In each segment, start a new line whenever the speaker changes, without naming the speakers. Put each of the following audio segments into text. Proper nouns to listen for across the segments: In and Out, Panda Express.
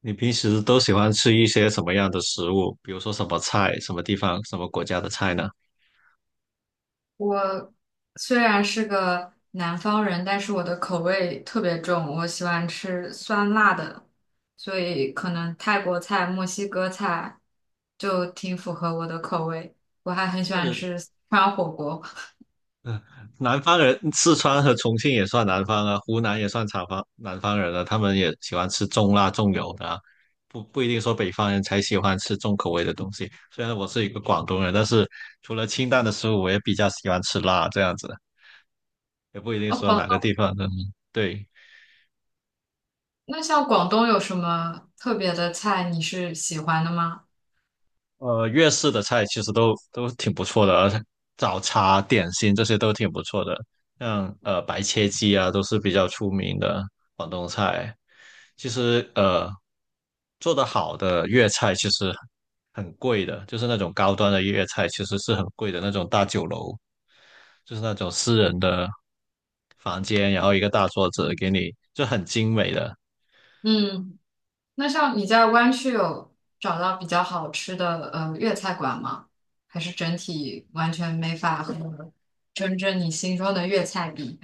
你平时都喜欢吃一些什么样的食物？比如说什么菜，什么地方，什么国家的菜呢？
我虽然是个南方人，但是我的口味特别重，我喜欢吃酸辣的，所以可能泰国菜、墨西哥菜就挺符合我的口味。我还很喜欢
是，
吃四川火锅。
嗯，南方人，四川和重庆也算南方啊，湖南也算南方人啊，他们也喜欢吃重辣重油的啊，不一定说北方人才喜欢吃重口味的东西。虽然我是一个广东人，但是除了清淡的食物，我也比较喜欢吃辣这样子，也不一定
哦，
说
广，
哪个地方的。嗯对，
那像广东有什么特别的菜你是喜欢的吗？
粤式的菜其实都挺不错的，而且早茶、点心这些都挺不错的，像白切鸡啊，都是比较出名的广东菜。其实做得好的粤菜其实很贵的，就是那种高端的粤菜其实是很贵的，那种大酒楼，就是那种私人的房间，然后一个大桌子给你，就很精美的。
嗯。那像你在湾区有找到比较好吃的粤菜馆吗？还是整体完全没法和真正你心中的粤菜比？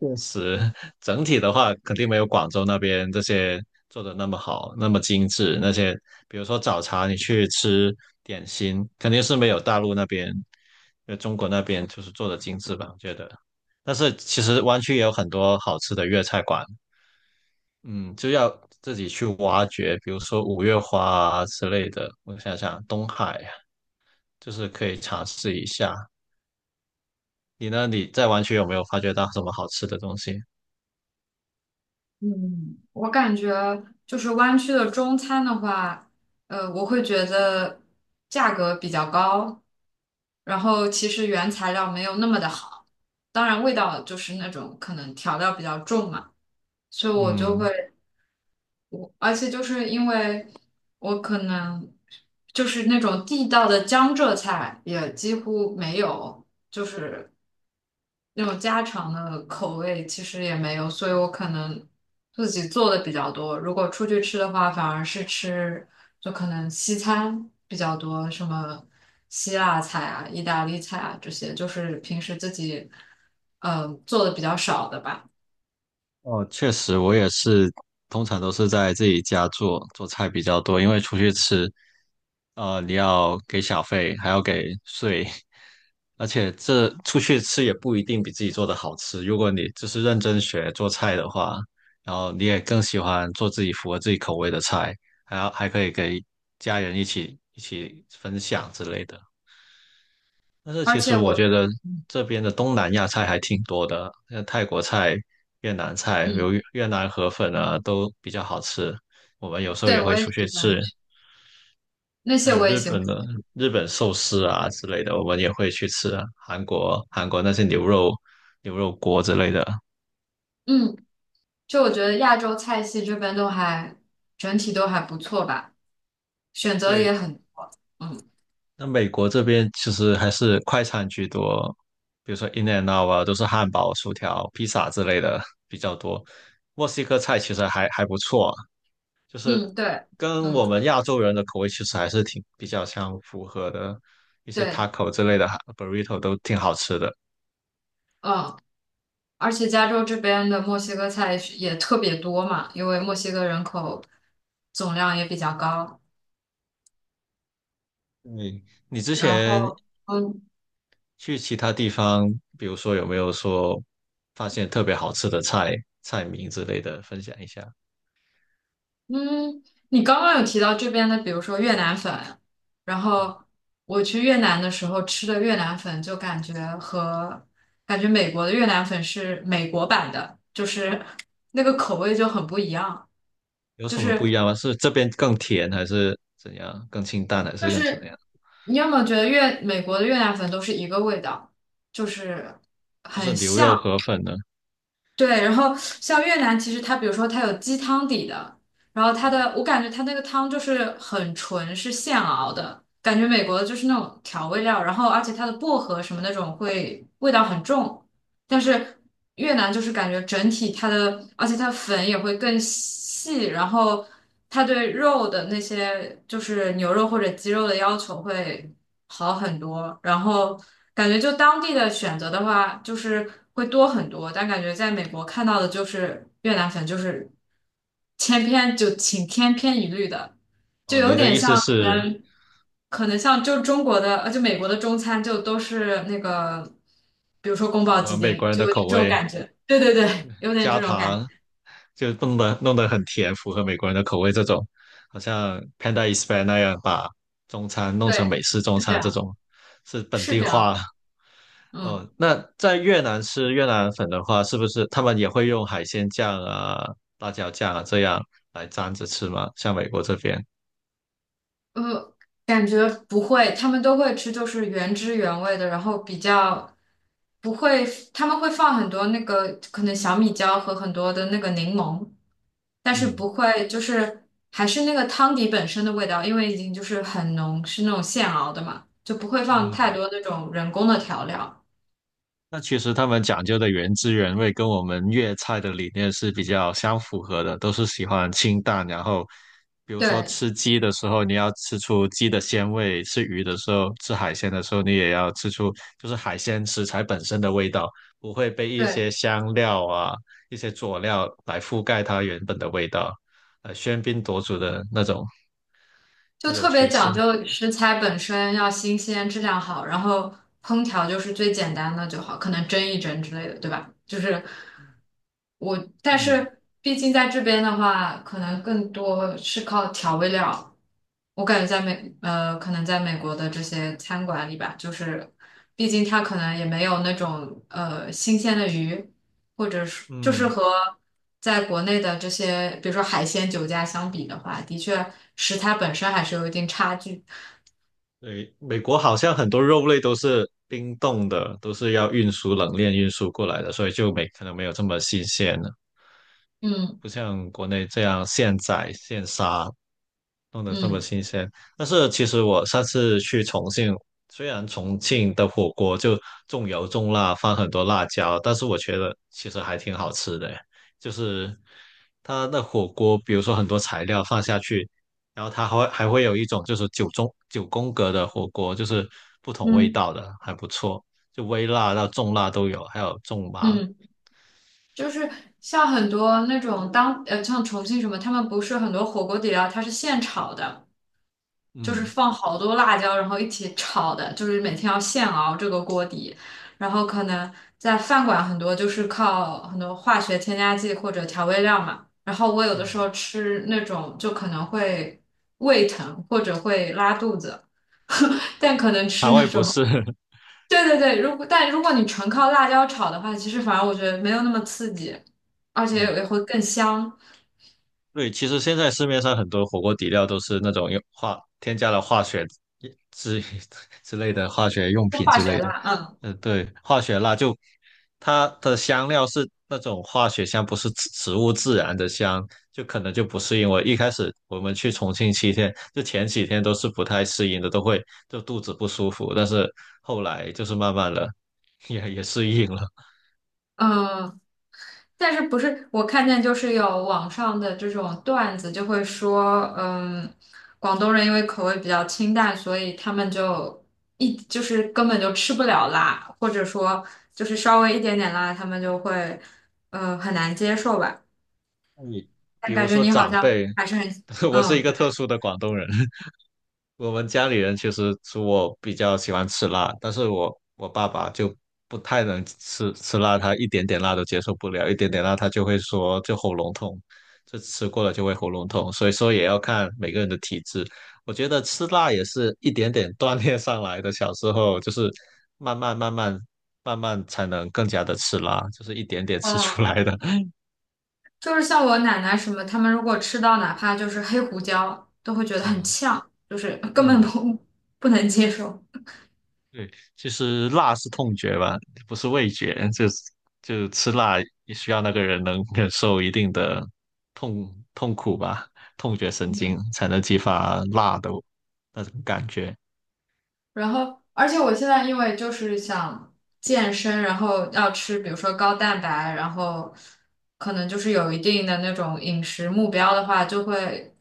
确实，整体的话，肯定没有广州那边这些做的那么好，那么精致。那些比如说早茶，你去吃点心，肯定是没有大陆那边，中国那边就是做的精致吧，我觉得。但是其实湾区也有很多好吃的粤菜馆，嗯，就要自己去挖掘，比如说五月花啊之类的。我想想，东海啊就是可以尝试一下。你呢？你在湾区有没有发掘到什么好吃的东西？
嗯，我感觉就是湾区的中餐的话，我会觉得价格比较高，然后其实原材料没有那么的好，当然味道就是那种可能调料比较重嘛，所以我就会。
嗯。
而且就是因为我可能就是那种地道的江浙菜也几乎没有，就是那种家常的口味其实也没有，所以我可能自己做的比较多。如果出去吃的话，反而是吃就可能西餐比较多，什么希腊菜啊、意大利菜啊这些，就是平时自己做的比较少的吧。
哦，确实，我也是，通常都是在自己家做做菜比较多，因为出去吃，你要给小费，还要给税，而且这出去吃也不一定比自己做的好吃。如果你就是认真学做菜的话，然后你也更喜欢做自己符合自己口味的菜，还可以给家人一起分享之类的。但是
而
其
且
实我
我
觉得
嗯，
这边的东南亚菜还挺多的，像泰国菜、越南菜，比如越南河粉啊，都比较好吃。我们有时候
对，
也
我
会
也
出去
喜欢
吃，
吃。那
还
些
有
我也
日
喜欢。
本的日本寿司啊之类的，我们也会去吃啊韩国那些牛肉锅之类的。
嗯，就我觉得亚洲菜系这边都还整体都还不错吧，选择也
对，
很多。嗯。
那美国这边其实还是快餐居多，比如说 In and Out 啊，都是汉堡、薯条、披萨之类的 比较多。墨西哥菜其实还不错，就是
嗯，对。
跟我
嗯。
们亚洲人的口味其实还是挺比较相符合的，一些
对。
taco 之类的哈 burrito 都挺好吃的。
嗯，而且加州这边的墨西哥菜是也特别多嘛，因为墨西哥人口总量也比较高。
你你之
然
前
后，嗯，
去其他地方，比如说有没有说发现特别好吃的菜名之类的，分享一下，
嗯，你刚刚有提到这边的，比如说越南粉，然后我去越南的时候吃的越南粉，就感觉和感觉美国的越南粉是美国版的，就是 那个口味就很不一样，
有
就
什么不一
是
样吗？是这边更甜还是怎样？更清淡还
就
是更怎
是
样？
你有没有觉得越美国的越南粉都是一个味道，就是
就
很
是牛肉
像，
河粉呢？
对，然后像越南，其实它比如说它有鸡汤底的，然后它的我感觉它那个汤就是很纯，是现熬的，感觉美国的就是那种调味料，然后而且它的薄荷什么那种会味道很重，但是越南就是感觉整体它的，而且它粉也会更细，然后它对肉的那些就是牛肉或者鸡肉的要求会好很多，然后感觉就当地的选择的话，就是会多很多，但感觉在美国看到的就是越南粉就是千篇一律的，就
哦，
有
你的
点
意思
像
是
可能像就中国的，就美国的中餐就都是那个，比如说宫
符
保
合
鸡
美
丁，
国人
就
的
有点
口
这种
味，
感觉。对对对，有点这
加
种感觉。
糖就弄得很甜，符合美国人的口味这种，好像 Panda Express 那样把中餐弄成
对，
美式中
是这
餐这
样，
种，是本
是
地
这
化。
样。嗯。
哦，那在越南吃越南粉的话，是不是他们也会用海鲜酱啊、辣椒酱啊这样来沾着吃吗？像美国这边，
呃，感觉不会，他们都会吃，就是原汁原味的，然后比较不会，他们会放很多那个可能小米椒和很多的那个柠檬，但是
嗯
不会就是还是那个汤底本身的味道，因为已经就是很浓，是那种现熬的嘛，就不会放
嗯。
太多那种人工的调料。
那其实他们讲究的原汁原味，跟我们粤菜的理念是比较相符合的，都是喜欢清淡。然后，比如说
对。
吃鸡的时候，你要吃出鸡的鲜味；吃鱼的时候，吃海鲜的时候，你也要吃出就是海鲜食材本身的味道，不会被一
对，
些香料啊、一些佐料来覆盖它原本的味道，喧宾夺主的那种
就
那种
特别
趋
讲
势。
究食材本身要新鲜、质量好，然后烹调就是最简单的就好，可能蒸一蒸之类的，对吧？就是我，但
嗯，
是毕竟在这边的话，可能更多是靠调味料。我感觉在可能在美国的这些餐馆里吧，就是毕竟它可能也没有那种新鲜的鱼，或者是就是
嗯。
和在国内的这些，比如说海鲜酒家相比的话，的确食材本身还是有一定差距。
对，美国好像很多肉类都是冰冻的，都是要运输冷链运输过来的，所以就没可能没有这么新鲜了，
嗯。
不像国内这样现宰现杀。弄得这么
嗯。
新鲜。但是其实我上次去重庆，虽然重庆的火锅就重油重辣，放很多辣椒，但是我觉得其实还挺好吃的。就是它的火锅，比如说很多材料放下去，然后它还会有一种就是九宫格的火锅，就是不同味
嗯。
道的，还不错，就微辣到重辣都有，还有重麻。
嗯，就是像很多那种像重庆什么，他们不是很多火锅底料它是现炒的。就是
嗯
放好多辣椒，然后一起炒的，就是每天要现熬这个锅底。然后可能在饭馆很多就是靠很多化学添加剂或者调味料嘛。然后我有
嗯，
的时候吃那种就可能会胃疼或者会拉肚子。对对对，如果但如果你纯靠辣椒炒的话，其实反而我觉得没有那么刺激，而且
嗯，
也会更香，
对，其实现在市面上很多火锅底料都是那种用化添加了化学之 之类的化学用
就
品
化
之
学
类的，
辣，嗯。
嗯，对，化学辣就它的香料是那种化学香，不是植物自然的香，就可能就不适应。我一开始我们去重庆7天，就前几天都是不太适应的，都会就肚子不舒服，但是后来就是慢慢的也适应了。
嗯，但是不是我看见就是有网上的这种段子，就会说，嗯，广东人因为口味比较清淡，所以他们就就是根本就吃不了辣，或者说就是稍微一点点辣，他们就会很难接受吧。
你
但
比如
感觉
说
你好
长
像
辈，
还是很，
我是一
嗯，
个
对，
特殊的广东人。我们家里人其实是我比较喜欢吃辣，但是我爸爸就不太能吃辣，他一点点辣都接受不了，一点点辣他就会说就喉咙痛，就吃过了就会喉咙痛，所以说也要看每个人的体质。我觉得吃辣也是一点点锻炼上来的，小时候就是慢慢慢慢慢慢才能更加的吃辣，就是一点点吃
嗯，
出来的。
就是像我奶奶什么，他们如果吃到哪怕就是黑胡椒，都会觉得很
嗯
呛，就是根本
嗯。
不能接受。
对，其实辣是痛觉吧，不是味觉，就吃辣也需要那个人能 忍受一定的痛苦吧，痛觉神经
嗯。
才能激发辣的那种感觉。
而且我现在因为就是想健身，然后要吃，比如说高蛋白，然后可能就是有一定的那种饮食目标的话，就会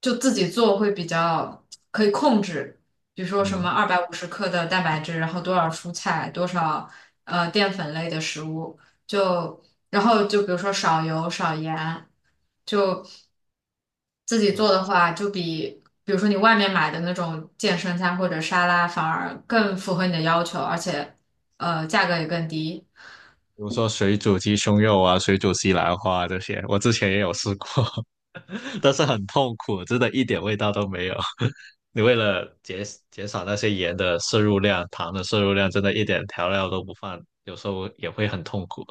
就自己做会比较可以控制，比如说什么
嗯，
250克的蛋白质，然后多少蔬菜，多少淀粉类的食物，就然后就比如说少油少盐，就自己
我比
做的话，就比如说你外面买的那种健身餐或者沙拉，反而更符合你的要求，而且价格也更低。
如说水煮鸡胸肉啊，水煮西兰花啊这些，我之前也有试过，但是很痛苦，真的一点味道都没有。你为了减少那些盐的摄入量、糖的摄入量，真的一点调料都不放，有时候也会很痛苦。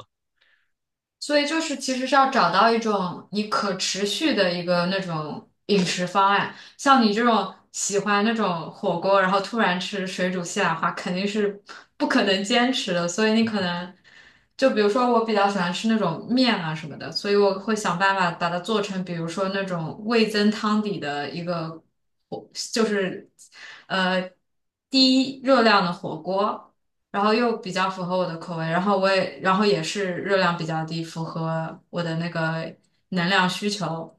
所以就是其实是要找到一种你可持续的一个那种饮食方案，像你这种喜欢那种火锅，然后突然吃水煮西兰花，肯定是 不可能坚持的，所以你可能。就比如说，我比较喜欢吃那种面啊什么的，所以我会想办法把它做成，比如说那种味增汤底的一个火，就是呃低热量的火锅。然后又比较符合我的口味，然后我也，然后也是热量比较低，符合我的那个能量需求。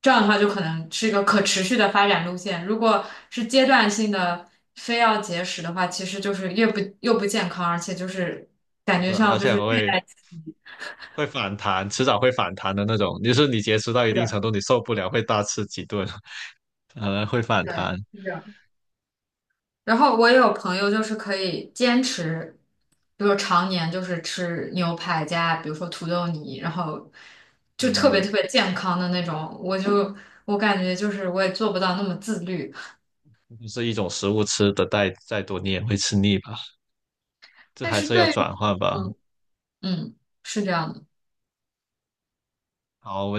这样的话，就可能是一个可持续的发展路线。如果是阶段性的，非要节食的话，其实就是越不又不健康，而且就是感觉
是，
上
而
就
且
是
还
虐
会
待自己。
会反弹，迟早会反弹的那种。就是你节食到一
是
定
的，
程度，你受不了，会大吃几顿，会反
对。
弹。
是的，然后我也有朋友就是可以坚持，比如常年就是吃牛排加，比如说土豆泥，然后就特别
嗯，
特别健康的那种。我就我感觉就是我也做不到那么自律，
是一种食物吃的再多，你也会吃腻吧？这
但
还
是
是要
对于
转换吧。
嗯嗯是这样的。
好，我